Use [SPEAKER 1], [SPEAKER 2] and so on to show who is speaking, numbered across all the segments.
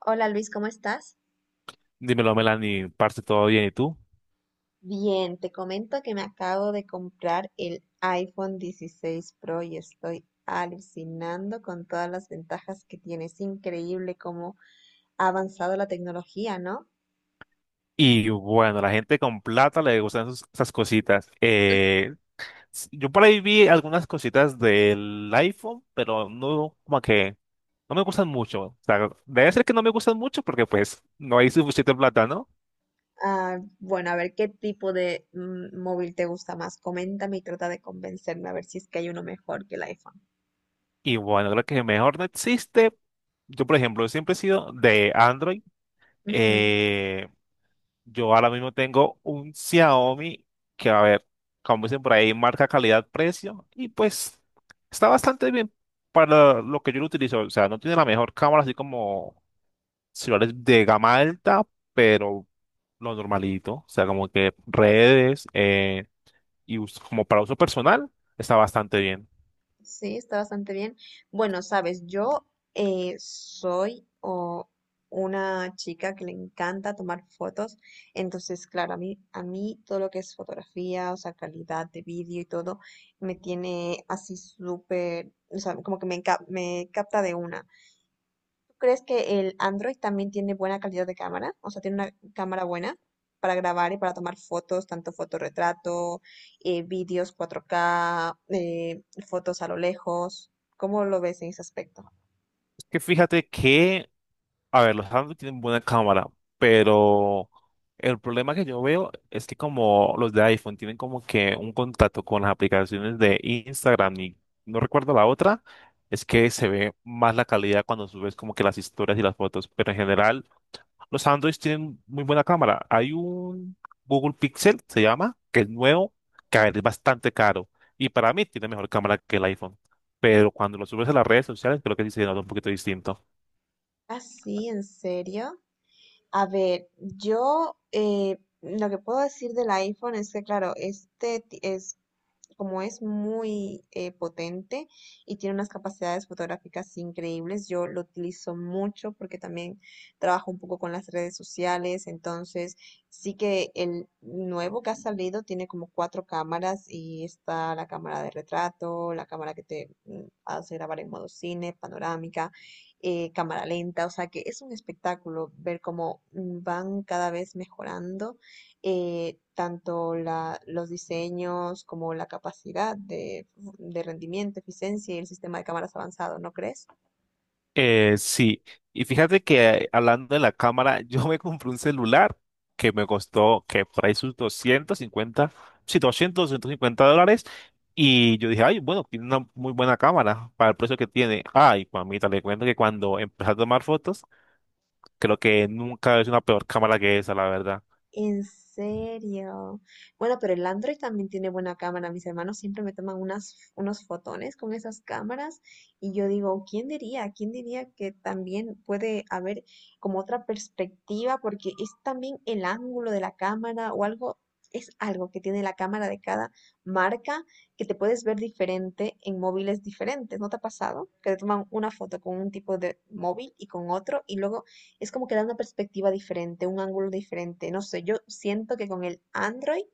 [SPEAKER 1] Hola Luis, ¿cómo estás?
[SPEAKER 2] Dímelo, Melanie, parte todo bien, ¿y tú?
[SPEAKER 1] Bien, te comento que me acabo de comprar el iPhone 16 Pro y estoy alucinando con todas las ventajas que tiene. Es increíble cómo ha avanzado la tecnología, ¿no?
[SPEAKER 2] Y bueno, la gente con plata le gustan esas cositas. Yo por ahí vi algunas cositas del iPhone, pero no, como que no me gustan mucho. O sea, debe ser que no me gustan mucho porque pues no hay suficiente plata, ¿no?
[SPEAKER 1] Ah, bueno, a ver qué tipo de móvil te gusta más. Coméntame y trata de convencerme a ver si es que hay uno mejor que el iPhone.
[SPEAKER 2] Y bueno, creo que mejor no existe. Yo, por ejemplo, siempre he sido de Android.
[SPEAKER 1] Ujú.
[SPEAKER 2] Eh, Yo ahora mismo tengo un Xiaomi que, a ver, como dicen por ahí, marca calidad-precio y pues está bastante bien para lo que yo lo utilizo. O sea, no tiene la mejor cámara, así como celulares de gama alta, pero lo normalito. O sea, como que redes y como para uso personal está bastante bien.
[SPEAKER 1] Sí, está bastante bien. Bueno, sabes, yo soy una chica que le encanta tomar fotos, entonces, claro, a mí todo lo que es fotografía, o sea, calidad de vídeo y todo, me tiene así súper, o sea, como que me capta de una. ¿Crees que el Android también tiene buena calidad de cámara? O sea, tiene una cámara buena para grabar y para tomar fotos, tanto fotorretrato, vídeos 4K, fotos a lo lejos. ¿Cómo lo ves en ese aspecto?
[SPEAKER 2] Es que fíjate que, a ver, los Samsung tienen buena cámara, pero el problema que yo veo es que como los de iPhone tienen como que un contacto con las aplicaciones de Instagram y no recuerdo la otra, es que se ve más la calidad cuando subes como que las historias y las fotos, pero en general los Androids tienen muy buena cámara. Hay un Google Pixel, se llama, que es nuevo, que, a ver, es bastante caro y para mí tiene mejor cámara que el iPhone, pero cuando lo subes a las redes sociales creo que sí se nota un poquito distinto.
[SPEAKER 1] Ah, sí, ¿en serio? A ver, yo lo que puedo decir del iPhone es que, claro, es como es muy potente y tiene unas capacidades fotográficas increíbles, yo lo utilizo mucho porque también trabajo un poco con las redes sociales, entonces sí que el nuevo que ha salido tiene como cuatro cámaras y está la cámara de retrato, la cámara que te hace grabar en modo cine, panorámica, cámara lenta, o sea que es un espectáculo ver cómo van cada vez mejorando, tanto los diseños como la capacidad de rendimiento, eficiencia y el sistema de cámaras avanzado, ¿no crees?
[SPEAKER 2] Sí, y fíjate que hablando de la cámara, yo me compré un celular que me costó que por ahí sus 250, sí, doscientos cincuenta dólares. Y yo dije, ay, bueno, tiene una muy buena cámara para el precio que tiene. Ay, mamita, le cuento que cuando empecé a tomar fotos, creo que nunca es una peor cámara que esa, la verdad.
[SPEAKER 1] En serio. Bueno, pero el Android también tiene buena cámara. Mis hermanos siempre me toman unos fotones con esas cámaras y yo digo, ¿quién diría? ¿Quién diría que también puede haber como otra perspectiva? Porque es también el ángulo de la cámara o algo, es algo que tiene la cámara de cada marca, que te puedes ver diferente en móviles diferentes. ¿No te ha pasado? Que te toman una foto con un tipo de móvil y con otro y luego es como que da una perspectiva diferente, un ángulo diferente. No sé, yo siento que con el Android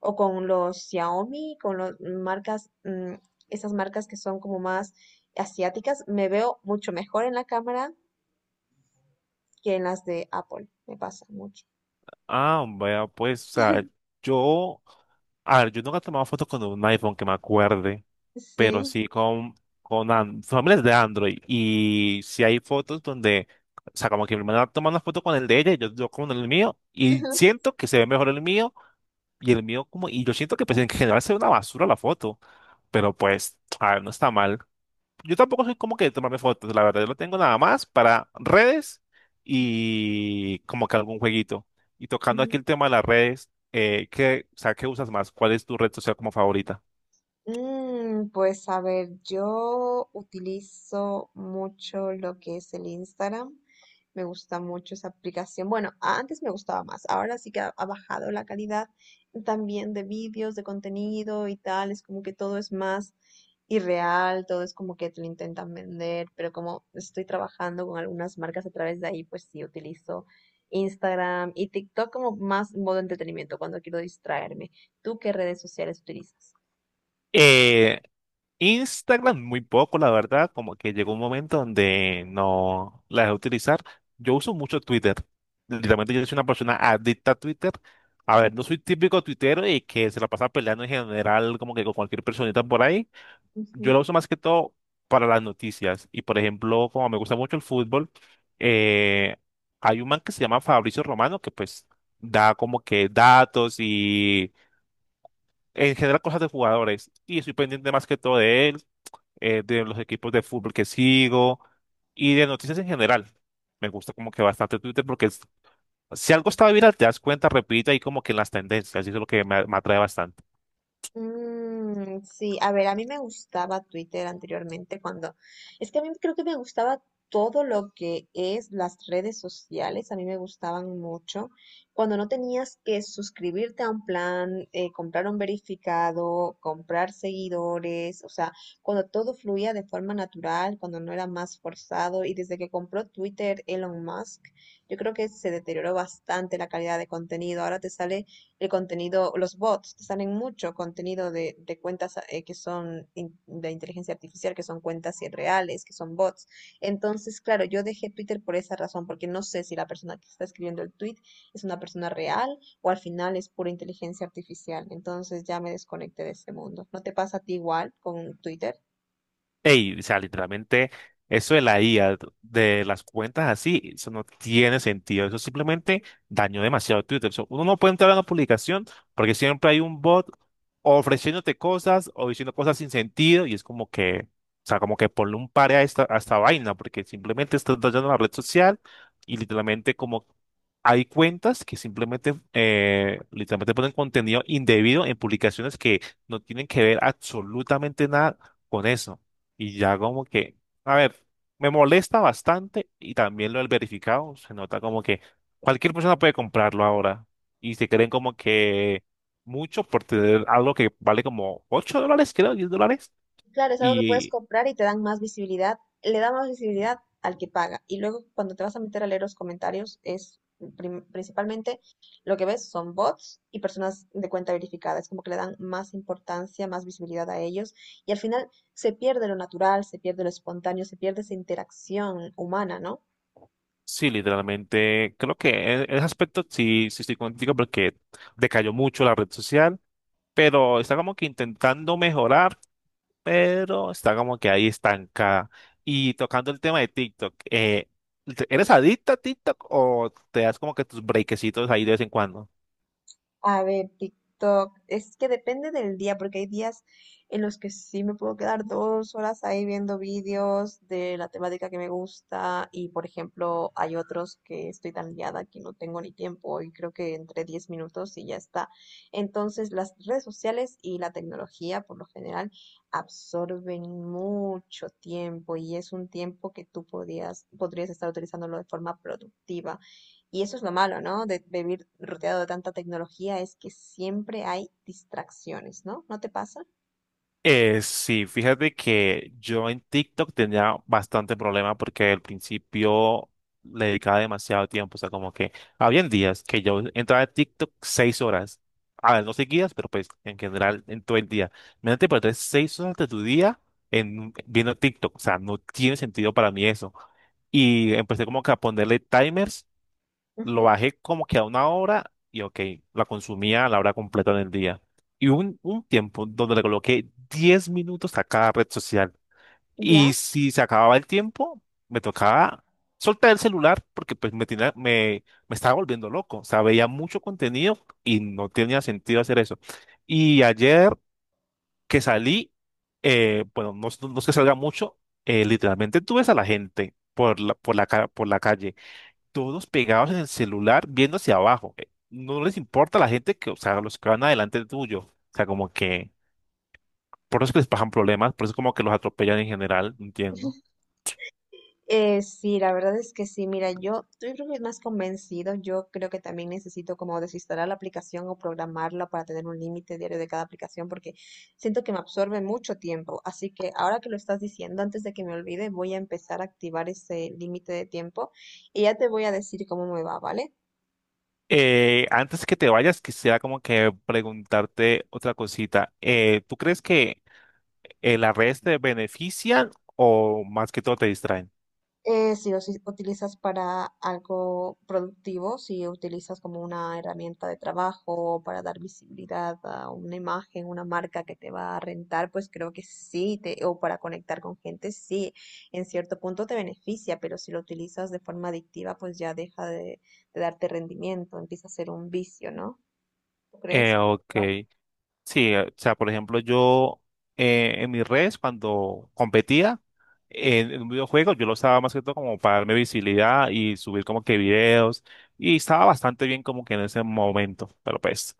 [SPEAKER 1] o con los Xiaomi, con las marcas, esas marcas que son como más asiáticas, me veo mucho mejor en la cámara que en las de Apple. Me pasa mucho.
[SPEAKER 2] Ah, vea, pues, o sea, yo, a ver, yo nunca he tomado fotos con un iPhone que me acuerde, pero
[SPEAKER 1] Sí.
[SPEAKER 2] sí con, familias de Android. Y si hay fotos donde, o sea, como que mi hermana toma una foto con el de ella, y yo con el mío, y siento que se ve mejor el mío, y el mío como, y yo siento que pues, en general se ve una basura la foto, pero pues, a ver, no está mal. Yo tampoco soy como que de tomarme fotos, la verdad, yo lo tengo nada más para redes y como que algún jueguito. Y tocando aquí el tema de las redes, ¿qué, o sea, qué usas más? ¿Cuál es tu red social como favorita?
[SPEAKER 1] Mm, pues a ver, yo utilizo mucho lo que es el Instagram. Me gusta mucho esa aplicación. Bueno, antes me gustaba más. Ahora sí que ha bajado la calidad también de vídeos, de contenido y tal. Es como que todo es más irreal, todo es como que te lo intentan vender. Pero como estoy trabajando con algunas marcas a través de ahí, pues sí utilizo Instagram y TikTok como más modo entretenimiento cuando quiero distraerme. ¿Tú qué redes sociales utilizas?
[SPEAKER 2] Eh, Instagram muy poco, la verdad, como que llegó un momento donde no la dejé utilizar. Yo uso mucho Twitter. Literalmente yo soy una persona adicta a Twitter. A ver, no soy típico tuitero y que se la pasa peleando en general como que con cualquier personita por ahí. Yo
[SPEAKER 1] Ujú.
[SPEAKER 2] la uso más que todo para las noticias. Y por ejemplo, como me gusta mucho el fútbol, eh, hay un man que se llama Fabricio Romano que pues da como que datos y en general cosas de jugadores. Y estoy pendiente más que todo de él, de los equipos de fútbol que sigo y de noticias en general. Me gusta como que bastante Twitter porque es- si algo está viral te das cuenta, repite ahí como que en las tendencias, y eso es lo que me atrae bastante.
[SPEAKER 1] Mm, sí, a ver, a mí me gustaba Twitter anteriormente. Es que a mí creo que me gustaba todo lo que es las redes sociales, a mí me gustaban mucho. Cuando no tenías que suscribirte a un plan, comprar un verificado, comprar seguidores, o sea, cuando todo fluía de forma natural, cuando no era más forzado y desde que compró Twitter Elon Musk, yo creo que se deterioró bastante la calidad de contenido. Ahora te sale el contenido, los bots, te salen mucho contenido de cuentas que son de inteligencia artificial, que son cuentas irreales, que son bots. Entonces, claro, yo dejé Twitter por esa razón, porque no sé si la persona que está escribiendo el tweet es una persona real o al final es pura inteligencia artificial. Entonces ya me desconecté de ese mundo. ¿No te pasa a ti igual con Twitter?
[SPEAKER 2] Ey, o sea, literalmente, eso de la IA, de las cuentas así, eso no tiene sentido. Eso simplemente dañó demasiado Twitter. Eso, uno no puede entrar a una publicación porque siempre hay un bot ofreciéndote cosas o diciendo cosas sin sentido y es como que, o sea, como que ponle un pare a esta vaina porque simplemente estás dañando la red social y literalmente como hay cuentas que simplemente, literalmente ponen contenido indebido en publicaciones que no tienen que ver absolutamente nada con eso. Y ya como que, a ver, me molesta bastante y también lo del verificado, se nota como que cualquier persona puede comprarlo ahora y se creen como que mucho por tener algo que vale como $8, creo, $10.
[SPEAKER 1] Claro, es algo que puedes
[SPEAKER 2] Y
[SPEAKER 1] comprar y te dan más visibilidad, le da más visibilidad al que paga. Y luego cuando te vas a meter a leer los comentarios, es principalmente lo que ves son bots y personas de cuenta verificada. Es como que le dan más importancia, más visibilidad a ellos. Y al final se pierde lo natural, se pierde lo espontáneo, se pierde esa interacción humana, ¿no?
[SPEAKER 2] sí, literalmente, creo que en ese aspecto sí, sí estoy contigo porque decayó mucho la red social, pero está como que intentando mejorar, pero está como que ahí estancada. Y tocando el tema de TikTok, ¿te- ¿eres adicta a TikTok o te das como que tus breakecitos ahí de vez en cuando?
[SPEAKER 1] A ver, TikTok. Es que depende del día, porque hay días en los que sí me puedo quedar 2 horas ahí viendo vídeos de la temática que me gusta. Y por ejemplo, hay otros que estoy tan liada que no tengo ni tiempo y creo que entre 10 minutos y ya está. Entonces, las redes sociales y la tecnología, por lo general, absorben mucho tiempo y es un tiempo que tú podrías estar utilizándolo de forma productiva. Y eso es lo malo, ¿no? De vivir rodeado de tanta tecnología, es que siempre hay distracciones, ¿no? ¿No te pasa?
[SPEAKER 2] Sí, fíjate que yo en TikTok tenía bastante problema porque al principio le dedicaba demasiado tiempo, o sea, como que habían días que yo entraba a TikTok 6 horas, a ver, no seguidas, pero pues en general en todo el día. Imagínate perder 6 horas de tu día en viendo TikTok, o sea, no tiene sentido para mí eso. Y empecé como que a ponerle timers, lo
[SPEAKER 1] Ujú.
[SPEAKER 2] bajé como que a una hora y ok, la consumía a la hora completa del día. Y hubo un tiempo donde le coloqué 10 minutos a cada red social. Y
[SPEAKER 1] ¿Ya?
[SPEAKER 2] si se acababa el tiempo, me tocaba soltar el celular porque me estaba volviendo loco. O sea, veía mucho contenido y no tenía sentido hacer eso. Y ayer que salí, no es que salga mucho, literalmente tú ves a la gente por la calle todos pegados en el celular viendo hacia abajo. No les importa la gente que, o sea, los que van adelante tuyo. O sea, como que por eso es que les pasan problemas, por eso como que los atropellan en general, no entiendo.
[SPEAKER 1] Sí, la verdad es que sí. Mira, yo estoy creo que es más convencido. Yo creo que también necesito como desinstalar la aplicación o programarla para tener un límite diario de cada aplicación porque siento que me absorbe mucho tiempo. Así que ahora que lo estás diciendo, antes de que me olvide, voy a empezar a activar ese límite de tiempo y ya te voy a decir cómo me va, ¿vale?
[SPEAKER 2] Antes que te vayas, quisiera como que preguntarte otra cosita. ¿Tú crees que las redes te benefician o más que todo te distraen?
[SPEAKER 1] Sí, o si utilizas para algo productivo, si utilizas como una herramienta de trabajo para dar visibilidad a una imagen, una marca que te va a rentar, pues creo que sí, o para conectar con gente, sí, en cierto punto te beneficia, pero si lo utilizas de forma adictiva, pues ya deja de darte rendimiento, empieza a ser un vicio, ¿no? ¿Tú crees?
[SPEAKER 2] Ok.
[SPEAKER 1] Igual.
[SPEAKER 2] Sí, o sea, por ejemplo, yo en mi res, cuando competía en un videojuego, yo lo usaba más que todo como para darme visibilidad y subir como que videos. Y estaba bastante bien como que en ese momento, pero pues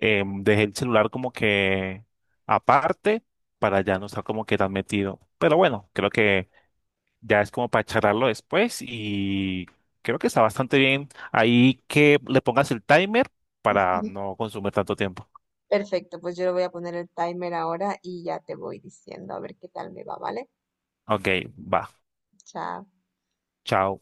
[SPEAKER 2] dejé el celular como que aparte para ya no estar como que tan metido. Pero bueno, creo que ya es como para charlarlo después y creo que está bastante bien ahí que le pongas el timer para
[SPEAKER 1] Ujú.
[SPEAKER 2] no consumir tanto tiempo.
[SPEAKER 1] Perfecto, pues yo le voy a poner el timer ahora y ya te voy diciendo a ver qué tal me va, ¿vale?
[SPEAKER 2] Ok, va.
[SPEAKER 1] Chao.
[SPEAKER 2] Chao.